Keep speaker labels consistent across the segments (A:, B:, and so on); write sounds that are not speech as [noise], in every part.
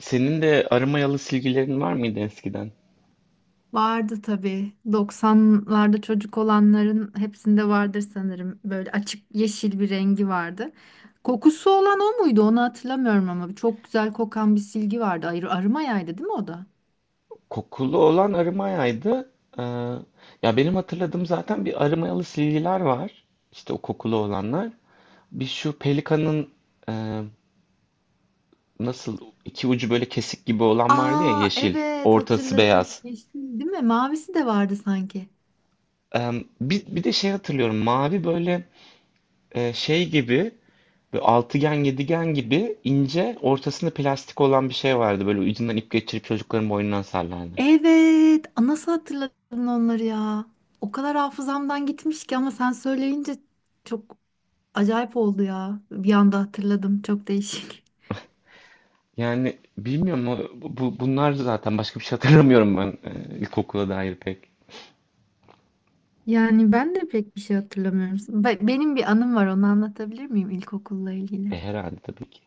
A: Senin de arı mayalı silgilerin var mıydı eskiden?
B: Vardı tabii. 90'larda çocuk olanların hepsinde vardır sanırım. Böyle açık yeşil bir rengi vardı. Kokusu olan o muydu? Onu hatırlamıyorum ama çok güzel kokan bir silgi vardı. Arıma yaydı değil mi o da?
A: Kokulu olan arı mayaydı. Ee, ya benim hatırladığım zaten bir arı mayalı silgiler var. İşte o kokulu olanlar. Bir şu pelikanın e, nasıl iki ucu böyle kesik gibi olan vardı ya,
B: Aa
A: yeşil.
B: evet
A: Ortası
B: hatırladım.
A: beyaz.
B: Yeşil değil mi? Mavisi de vardı sanki.
A: Ee, bir de şey hatırlıyorum. Mavi böyle şey gibi böyle altıgen yedigen gibi ince ortasında plastik olan bir şey vardı. Böyle ucundan ip geçirip çocukların boynundan sallardı.
B: Evet. Aa, nasıl hatırladın onları ya? O kadar hafızamdan gitmiş ki ama sen söyleyince çok acayip oldu ya. Bir anda hatırladım. Çok değişik.
A: Yani bilmiyorum, o- bu bunlar zaten başka bir şey hatırlamıyorum ben, ilkokula dair pek.
B: Yani ben de pek bir şey hatırlamıyorum. Benim bir anım var, onu anlatabilir miyim ilkokulla
A: E,
B: ilgili?
A: herhalde tabii ki.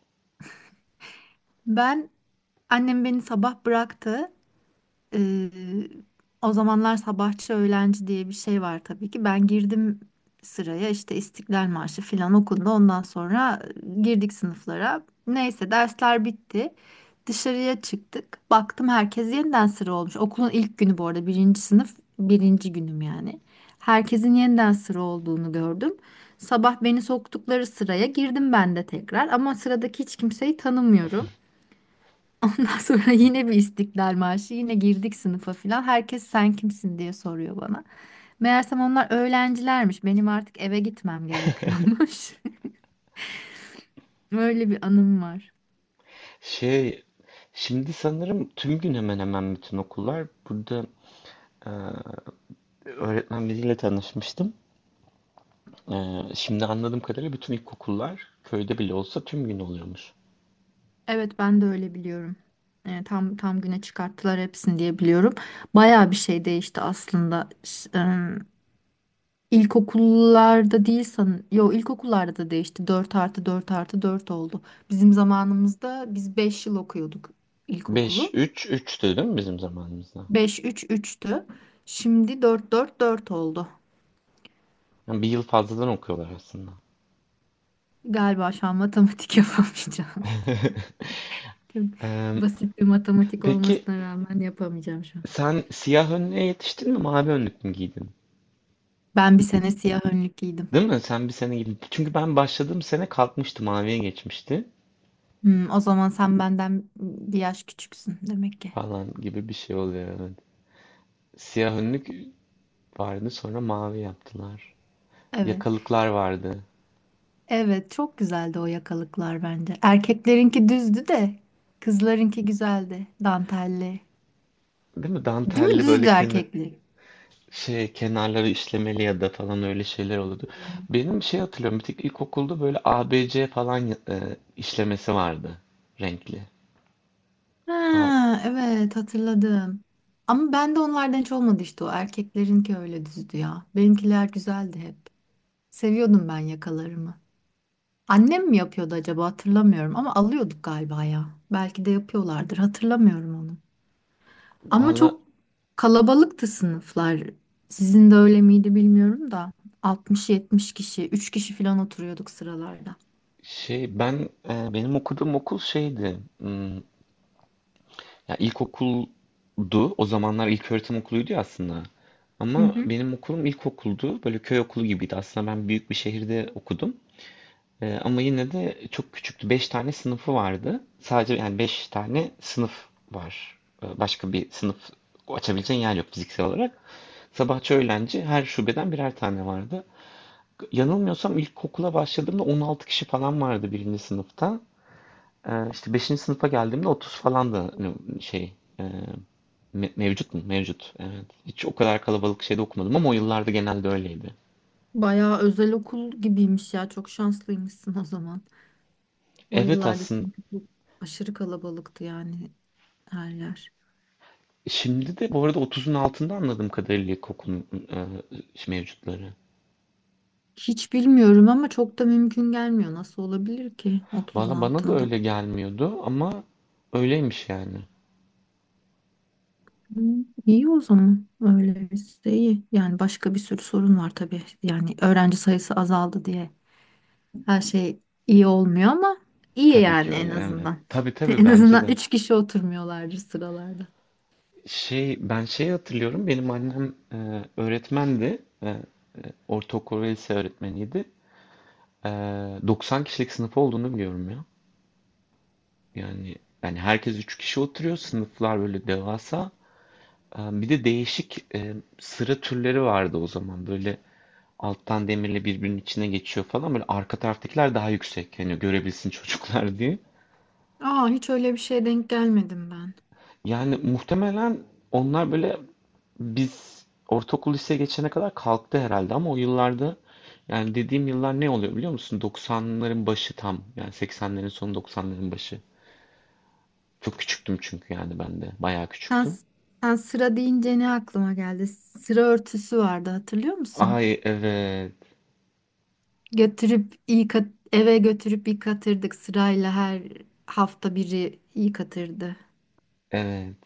B: Ben Annem beni sabah bıraktı. Ee, O zamanlar sabahçı öğlenci diye bir şey var tabii ki. Ben girdim sıraya işte İstiklal Marşı filan okundu. Ondan sonra girdik sınıflara. Neyse dersler bitti. Dışarıya çıktık. Baktım herkes yeniden sıra olmuş. Okulun ilk günü bu arada, birinci sınıf birinci günüm yani. Herkesin yeniden sıra olduğunu gördüm. Sabah beni soktukları sıraya girdim ben de tekrar ama sıradaki hiç kimseyi tanımıyorum. Ondan sonra [laughs] yine bir İstiklal Marşı, yine girdik sınıfa filan. Herkes sen kimsin diye soruyor bana. Meğersem onlar öğrencilermiş. Benim artık eve gitmem gerekiyormuş. [laughs] Öyle bir anım var.
A: Şey şimdi sanırım tüm gün hemen hemen bütün okullar burada, e, öğretmen biriyle tanışmıştım. E, şimdi anladığım kadarıyla bütün ilkokullar köyde bile olsa tüm gün oluyormuş.
B: Evet ben de öyle biliyorum. Tam güne çıkarttılar hepsini diye biliyorum. Bayağı bir şey değişti aslında. İlkokullarda değil sanırım. Yo, ilkokullarda da değişti. 4+4+4 oldu. Bizim zamanımızda biz 5 yıl okuyorduk
A: Beş
B: ilkokulu.
A: üç üç değil mi bizim zamanımızda?
B: Beş üç üçtü. Şimdi dört dört dört oldu.
A: Yani bir yıl fazladan okuyorlar aslında.
B: Galiba şu an matematik [laughs] yapamayacağım.
A: [laughs]
B: Çok
A: E,
B: basit bir matematik
A: peki
B: olmasına rağmen yapamayacağım şu an.
A: sen siyah önlüğe yetiştin mi, mavi önlük mü giydin?
B: Ben bir sene siyah önlük giydim.
A: Değil mi? Sen bir sene gibi. Çünkü ben başladığım sene kalkmıştı, maviye geçmişti
B: O zaman sen benden bir yaş küçüksün demek ki.
A: falan gibi bir şey oluyor. Evet. Siyah önlük vardı, sonra mavi yaptılar.
B: Evet.
A: Yakalıklar vardı.
B: Evet, çok güzeldi o yakalıklar bence. Erkeklerinki düzdü de kızlarınki güzeldi. Dantelli.
A: Değil mi?
B: Değil mi?
A: Dantelli
B: Düzdü
A: böyle
B: erkekli.
A: kenarları işlemeli ya da falan öyle şeyler olurdu. Benim şey hatırlıyorum. Bir tek ilkokulda böyle A B C falan işlemesi vardı, renkli. Aa,
B: Ha, evet hatırladım. Ama ben de onlardan hiç olmadı, işte o erkeklerinki öyle düzdü ya. Benimkiler güzeldi hep. Seviyordum ben yakalarımı. Annem mi yapıyordu acaba, hatırlamıyorum ama alıyorduk galiba ya. Belki de yapıyorlardır, hatırlamıyorum onu. Ama
A: valla
B: çok kalabalıktı sınıflar. Sizin de öyle miydi bilmiyorum da, 60-70 kişi, 3 kişi falan oturuyorduk sıralarda.
A: benim okuduğum okul şeydi. Ya ilkokuldu. O zamanlar ilköğretim okuluydu ya aslında.
B: Hı
A: Ama
B: hı.
A: benim okulum ilkokuldu. Böyle köy okulu gibiydi. Aslında ben büyük bir şehirde okudum. Ama yine de çok küçüktü. Beş tane sınıfı vardı. Sadece yani beş tane sınıf var. Başka bir sınıf açabileceğin yer yok fiziksel olarak. Sabahçı öğlenci her şubeden birer tane vardı. Yanılmıyorsam ilkokula başladığımda 16 kişi falan vardı birinci sınıfta. İşte 5. sınıfa geldiğimde 30 falan, da hani e, mevcut mu? Mevcut. Evet. Hiç o kadar kalabalık şeyde okumadım ama o yıllarda genelde öyleydi.
B: Bayağı özel okul gibiymiş ya. Çok şanslıymışsın o zaman. O
A: Evet
B: yıllarda
A: aslında
B: çünkü çok aşırı kalabalıktı yani her yer.
A: şimdi de bu arada 30'un altında anladığım kadarıyla ilkokulun, mevcutları.
B: Hiç bilmiyorum ama çok da mümkün gelmiyor. Nasıl olabilir ki 30'un
A: Valla bana da
B: altında?
A: öyle gelmiyordu ama öyleymiş yani.
B: Hı, İyi o zaman. Öyleyse iyi. Yani başka bir sürü sorun var tabii. Yani öğrenci sayısı azaldı diye her şey iyi olmuyor ama iyi
A: Tabii
B: yani,
A: ki
B: en
A: öyle, evet.
B: azından. [laughs]
A: Tabii tabii,
B: En
A: bence
B: azından
A: de.
B: 3 kişi oturmuyorlardır sıralarda.
A: Ben şeyi hatırlıyorum, benim annem öğretmendi. Ortaokul ve lise öğretmeniydi. 90 kişilik sınıf olduğunu biliyorum ya. Yani yani herkes 3 kişi oturuyor. Sınıflar böyle devasa. Bir de değişik, sıra türleri vardı o zaman. Böyle alttan demirle birbirinin içine geçiyor falan. Böyle arka taraftakiler daha yüksek. Hani görebilsin [laughs] çocuklar diye.
B: Aa, hiç öyle bir şeye denk gelmedim ben.
A: Yani muhtemelen onlar böyle biz ortaokul liseye geçene kadar kalktı herhalde ama o yıllarda, yani dediğim yıllar ne oluyor biliyor musun? 90'ların başı tam. Yani 80'lerin sonu, 90'ların başı. Çok küçüktüm çünkü yani ben de. Bayağı
B: Sen,
A: küçüktüm.
B: sen sıra deyince ne aklıma geldi? Sıra örtüsü vardı, hatırlıyor musun?
A: Ay evet.
B: Eve götürüp yıkatırdık sırayla, her hafta biri yıkatırdı.
A: Evet.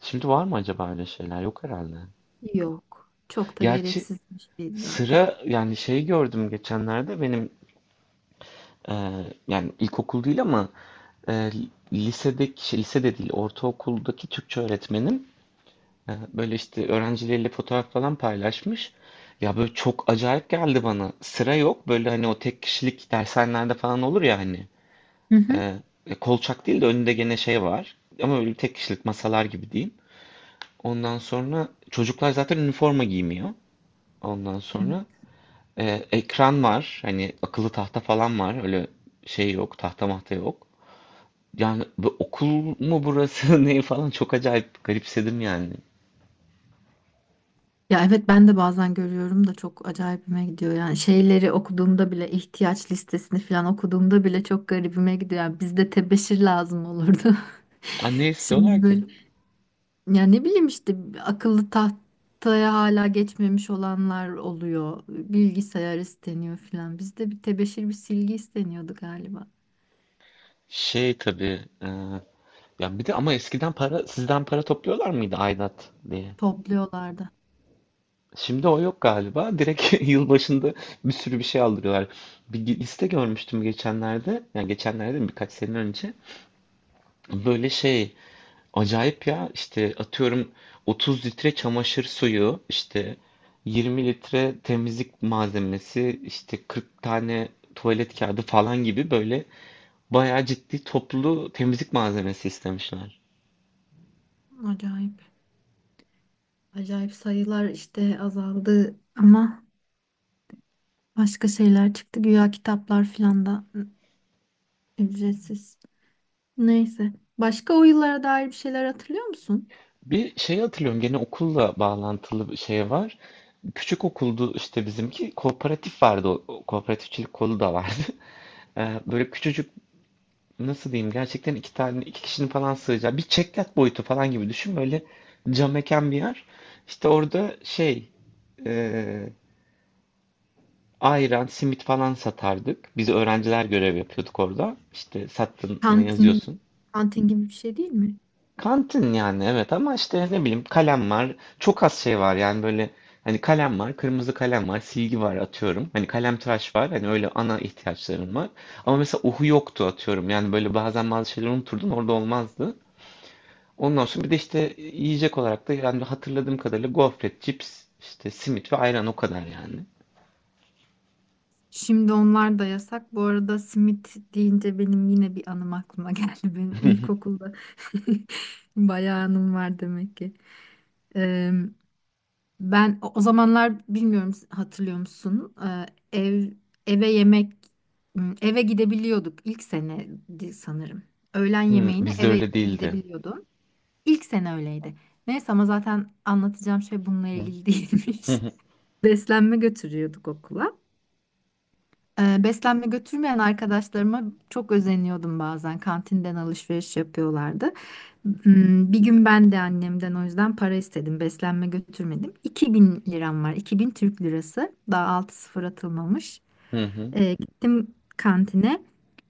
A: Şimdi var mı acaba öyle şeyler? Yok herhalde.
B: Yok. Çok da
A: Gerçi
B: gereksiz bir şeydi zaten.
A: sıra, yani gördüm geçenlerde benim, e, yani ilkokul değil ama, e, lisedeki lise de değil, ortaokuldaki Türkçe öğretmenim, böyle işte öğrencileriyle fotoğraf falan paylaşmış. Ya böyle çok acayip geldi bana. Sıra yok böyle, hani o tek kişilik dershanelerde falan olur ya hani.
B: Hı hı.
A: E, kolçak değil de önünde gene şey var. Ama böyle tek kişilik masalar gibi diyeyim. Ondan sonra çocuklar zaten üniforma giymiyor. Ondan
B: Evet.
A: sonra ekran var. Hani akıllı tahta falan var. Öyle şey yok. Tahta mahta yok. Yani bu okul mu burası [laughs] ne falan, çok acayip garipsedim yani.
B: Ya evet, ben de bazen görüyorum da çok acayipime gidiyor. Yani şeyleri okuduğumda bile, ihtiyaç listesini falan okuduğumda bile çok garibime gidiyor. Yani bizde tebeşir lazım olurdu.
A: Ha,
B: [laughs]
A: ne
B: Şimdi
A: istiyorlar ki?
B: böyle Yani ne bileyim, işte akıllı tahtaya hala geçmemiş olanlar oluyor. Bilgisayar isteniyor filan. Bizde bir tebeşir bir silgi isteniyordu galiba.
A: Tabii. Ya bir de ama eskiden sizden para topluyorlar mıydı aidat diye?
B: Topluyorlardı.
A: Şimdi o yok galiba. Direkt [laughs] yıl başında bir sürü bir şey aldırıyorlar. Bir liste görmüştüm geçenlerde. Yani geçenlerde mi, birkaç sene önce. Böyle acayip ya, işte atıyorum 30 litre çamaşır suyu, işte 20 litre temizlik malzemesi, işte 40 tane tuvalet kağıdı falan gibi, böyle bayağı ciddi toplu temizlik malzemesi istemişler.
B: Acayip. Acayip, sayılar işte azaldı ama başka şeyler çıktı. Güya kitaplar filan da ücretsiz. Neyse. Başka o yıllara dair bir şeyler hatırlıyor musun?
A: Bir şey hatırlıyorum, gene okulla bağlantılı bir şey var. Küçük okuldu işte bizimki, kooperatif vardı, o kooperatifçilik kolu da vardı. [laughs] Böyle küçücük, nasıl diyeyim, gerçekten iki tane iki kişinin falan sığacağı bir çeklat boyutu falan gibi düşün, böyle cam mekan bir yer. İşte orada e, ayran, simit falan satardık. Biz öğrenciler görev yapıyorduk orada. İşte sattığını
B: Kantin,
A: yazıyorsun.
B: kantin gibi bir şey değil mi?
A: Kantin yani evet, ama işte ne bileyim kalem var. Çok az şey var yani, böyle hani kalem var, kırmızı kalem var, silgi var atıyorum. Hani kalem tıraş var. Hani öyle ana ihtiyaçlarım var. Ama mesela uhu yoktu atıyorum. Yani böyle bazen bazı şeyleri unuturdum, orada olmazdı. Ondan sonra bir de işte yiyecek olarak da yani hatırladığım kadarıyla gofret, cips, işte simit ve ayran, o kadar yani.
B: Şimdi onlar da yasak. Bu arada simit deyince benim yine bir anım aklıma geldi. [laughs] Benim ilkokulda [laughs] bayağı anım var demek ki. Ee, Ben o zamanlar bilmiyorum, hatırlıyor musun? Ev eve yemek m, Eve gidebiliyorduk ilk sene sanırım. Öğlen yemeğini
A: Bizde
B: eve
A: öyle değildi.
B: gidebiliyordum. İlk sene öyleydi. Neyse, ama zaten anlatacağım şey bununla
A: Hı
B: ilgili
A: hı
B: değilmiş.
A: hı.
B: [laughs] Beslenme götürüyorduk okula. Beslenme götürmeyen arkadaşlarıma çok özeniyordum bazen. Kantinden alışveriş yapıyorlardı. Bir gün ben de annemden o yüzden para istedim. Beslenme götürmedim. 2.000 liram var. 2.000 Türk lirası. Daha 6 sıfır atılmamış.
A: Hı hı.
B: Gittim kantine.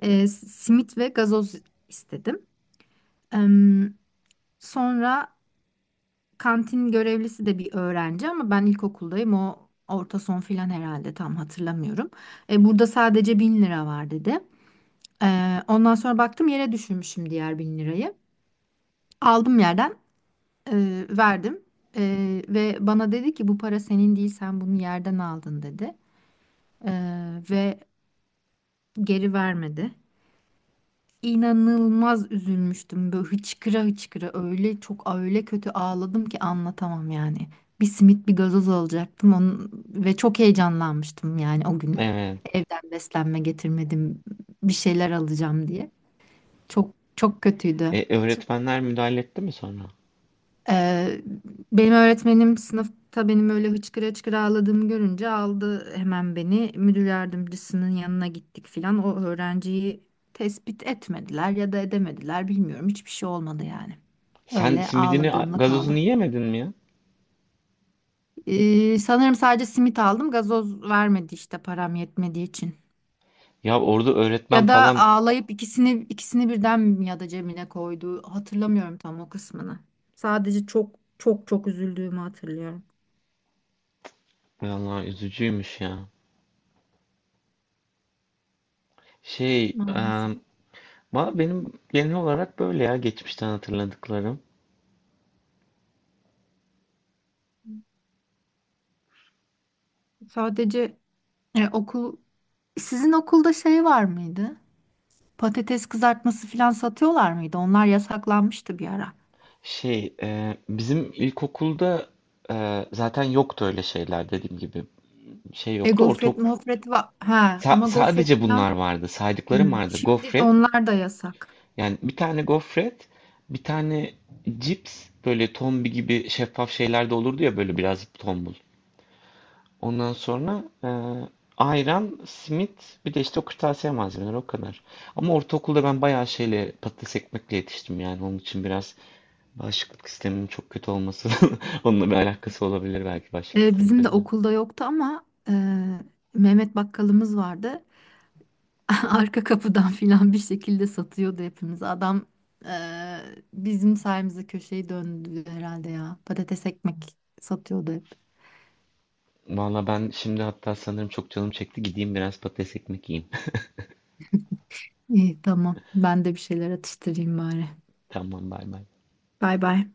B: Simit ve gazoz istedim. Em, Sonra, kantin görevlisi de bir öğrenci ama ben ilkokuldayım. O orta son filan herhalde, tam hatırlamıyorum. Burada sadece 1.000 lira var, dedi. Ondan sonra baktım, yere düşürmüşüm diğer 1.000 lirayı. Aldım yerden, verdim ve bana dedi ki bu para senin değil, sen bunu yerden aldın dedi. Ve geri vermedi. İnanılmaz üzülmüştüm, böyle hıçkıra hıçkıra, öyle çok öyle kötü ağladım ki anlatamam yani. Bir simit bir gazoz alacaktım ve çok heyecanlanmıştım yani, o gün
A: Evet.
B: evden beslenme getirmedim bir şeyler alacağım diye. Çok çok kötüydü.
A: Öğretmenler müdahale etti mi sonra?
B: Ee, Benim öğretmenim sınıfta benim öyle hıçkıra hıçkıra ağladığımı görünce aldı hemen beni, müdür yardımcısının yanına gittik filan. O öğrenciyi tespit etmediler ya da edemediler, bilmiyorum. Hiçbir şey olmadı yani.
A: Sen
B: Öyle
A: simidini,
B: ağladığımla
A: gazozunu
B: kaldım.
A: yiyemedin mi ya?
B: Sanırım sadece simit aldım. Gazoz vermedi işte, param yetmediği için.
A: Ya orada öğretmen
B: Ya da
A: falan,
B: ağlayıp ikisini birden mi ya da cebine koydu, hatırlamıyorum tam o kısmını. Sadece çok çok çok üzüldüğümü hatırlıyorum.
A: vallahi üzücüymüş ya. Şey, e,
B: Maalesef.
A: valla benim genel olarak böyle ya geçmişten hatırladıklarım.
B: Sadece e, okul Sizin okulda şey var mıydı? Patates kızartması falan satıyorlar mıydı? Onlar yasaklanmıştı bir ara.
A: Bizim ilkokulda zaten yoktu öyle şeyler, dediğim gibi. Şey yoktu.
B: Gofret
A: Ortaok
B: mofret var. Ha,
A: sa-
B: ama gofret
A: sadece
B: falan.
A: bunlar vardı. Saydıklarım
B: Hmm.
A: vardı.
B: Şimdi
A: Gofret.
B: onlar da yasak.
A: Yani bir tane gofret, bir tane cips, böyle tombi gibi şeffaf şeyler de olurdu ya, böyle biraz tombul. Ondan sonra ayran, simit, bir de işte o kırtasiye malzemeleri, o kadar. Ama ortaokulda ben bayağı şeyle patates ekmekle yetiştim yani, onun için biraz, bağışıklık sistemin çok kötü olması, [laughs] onunla bir alakası olabilir belki, bağışıklık sistemi
B: Bizim de
A: kötü.
B: okulda yoktu ama Mehmet bakkalımız vardı. [laughs] Arka kapıdan falan bir şekilde satıyordu hepimiz. Adam, e, bizim sayemizde köşeyi döndü herhalde ya. Patates ekmek satıyordu hep.
A: Valla ben şimdi hatta sanırım çok canım çekti. Gideyim biraz patates ekmek yiyeyim.
B: İyi tamam. Ben de bir şeyler atıştırayım bari.
A: Tamam, bay bay.
B: Bay bay.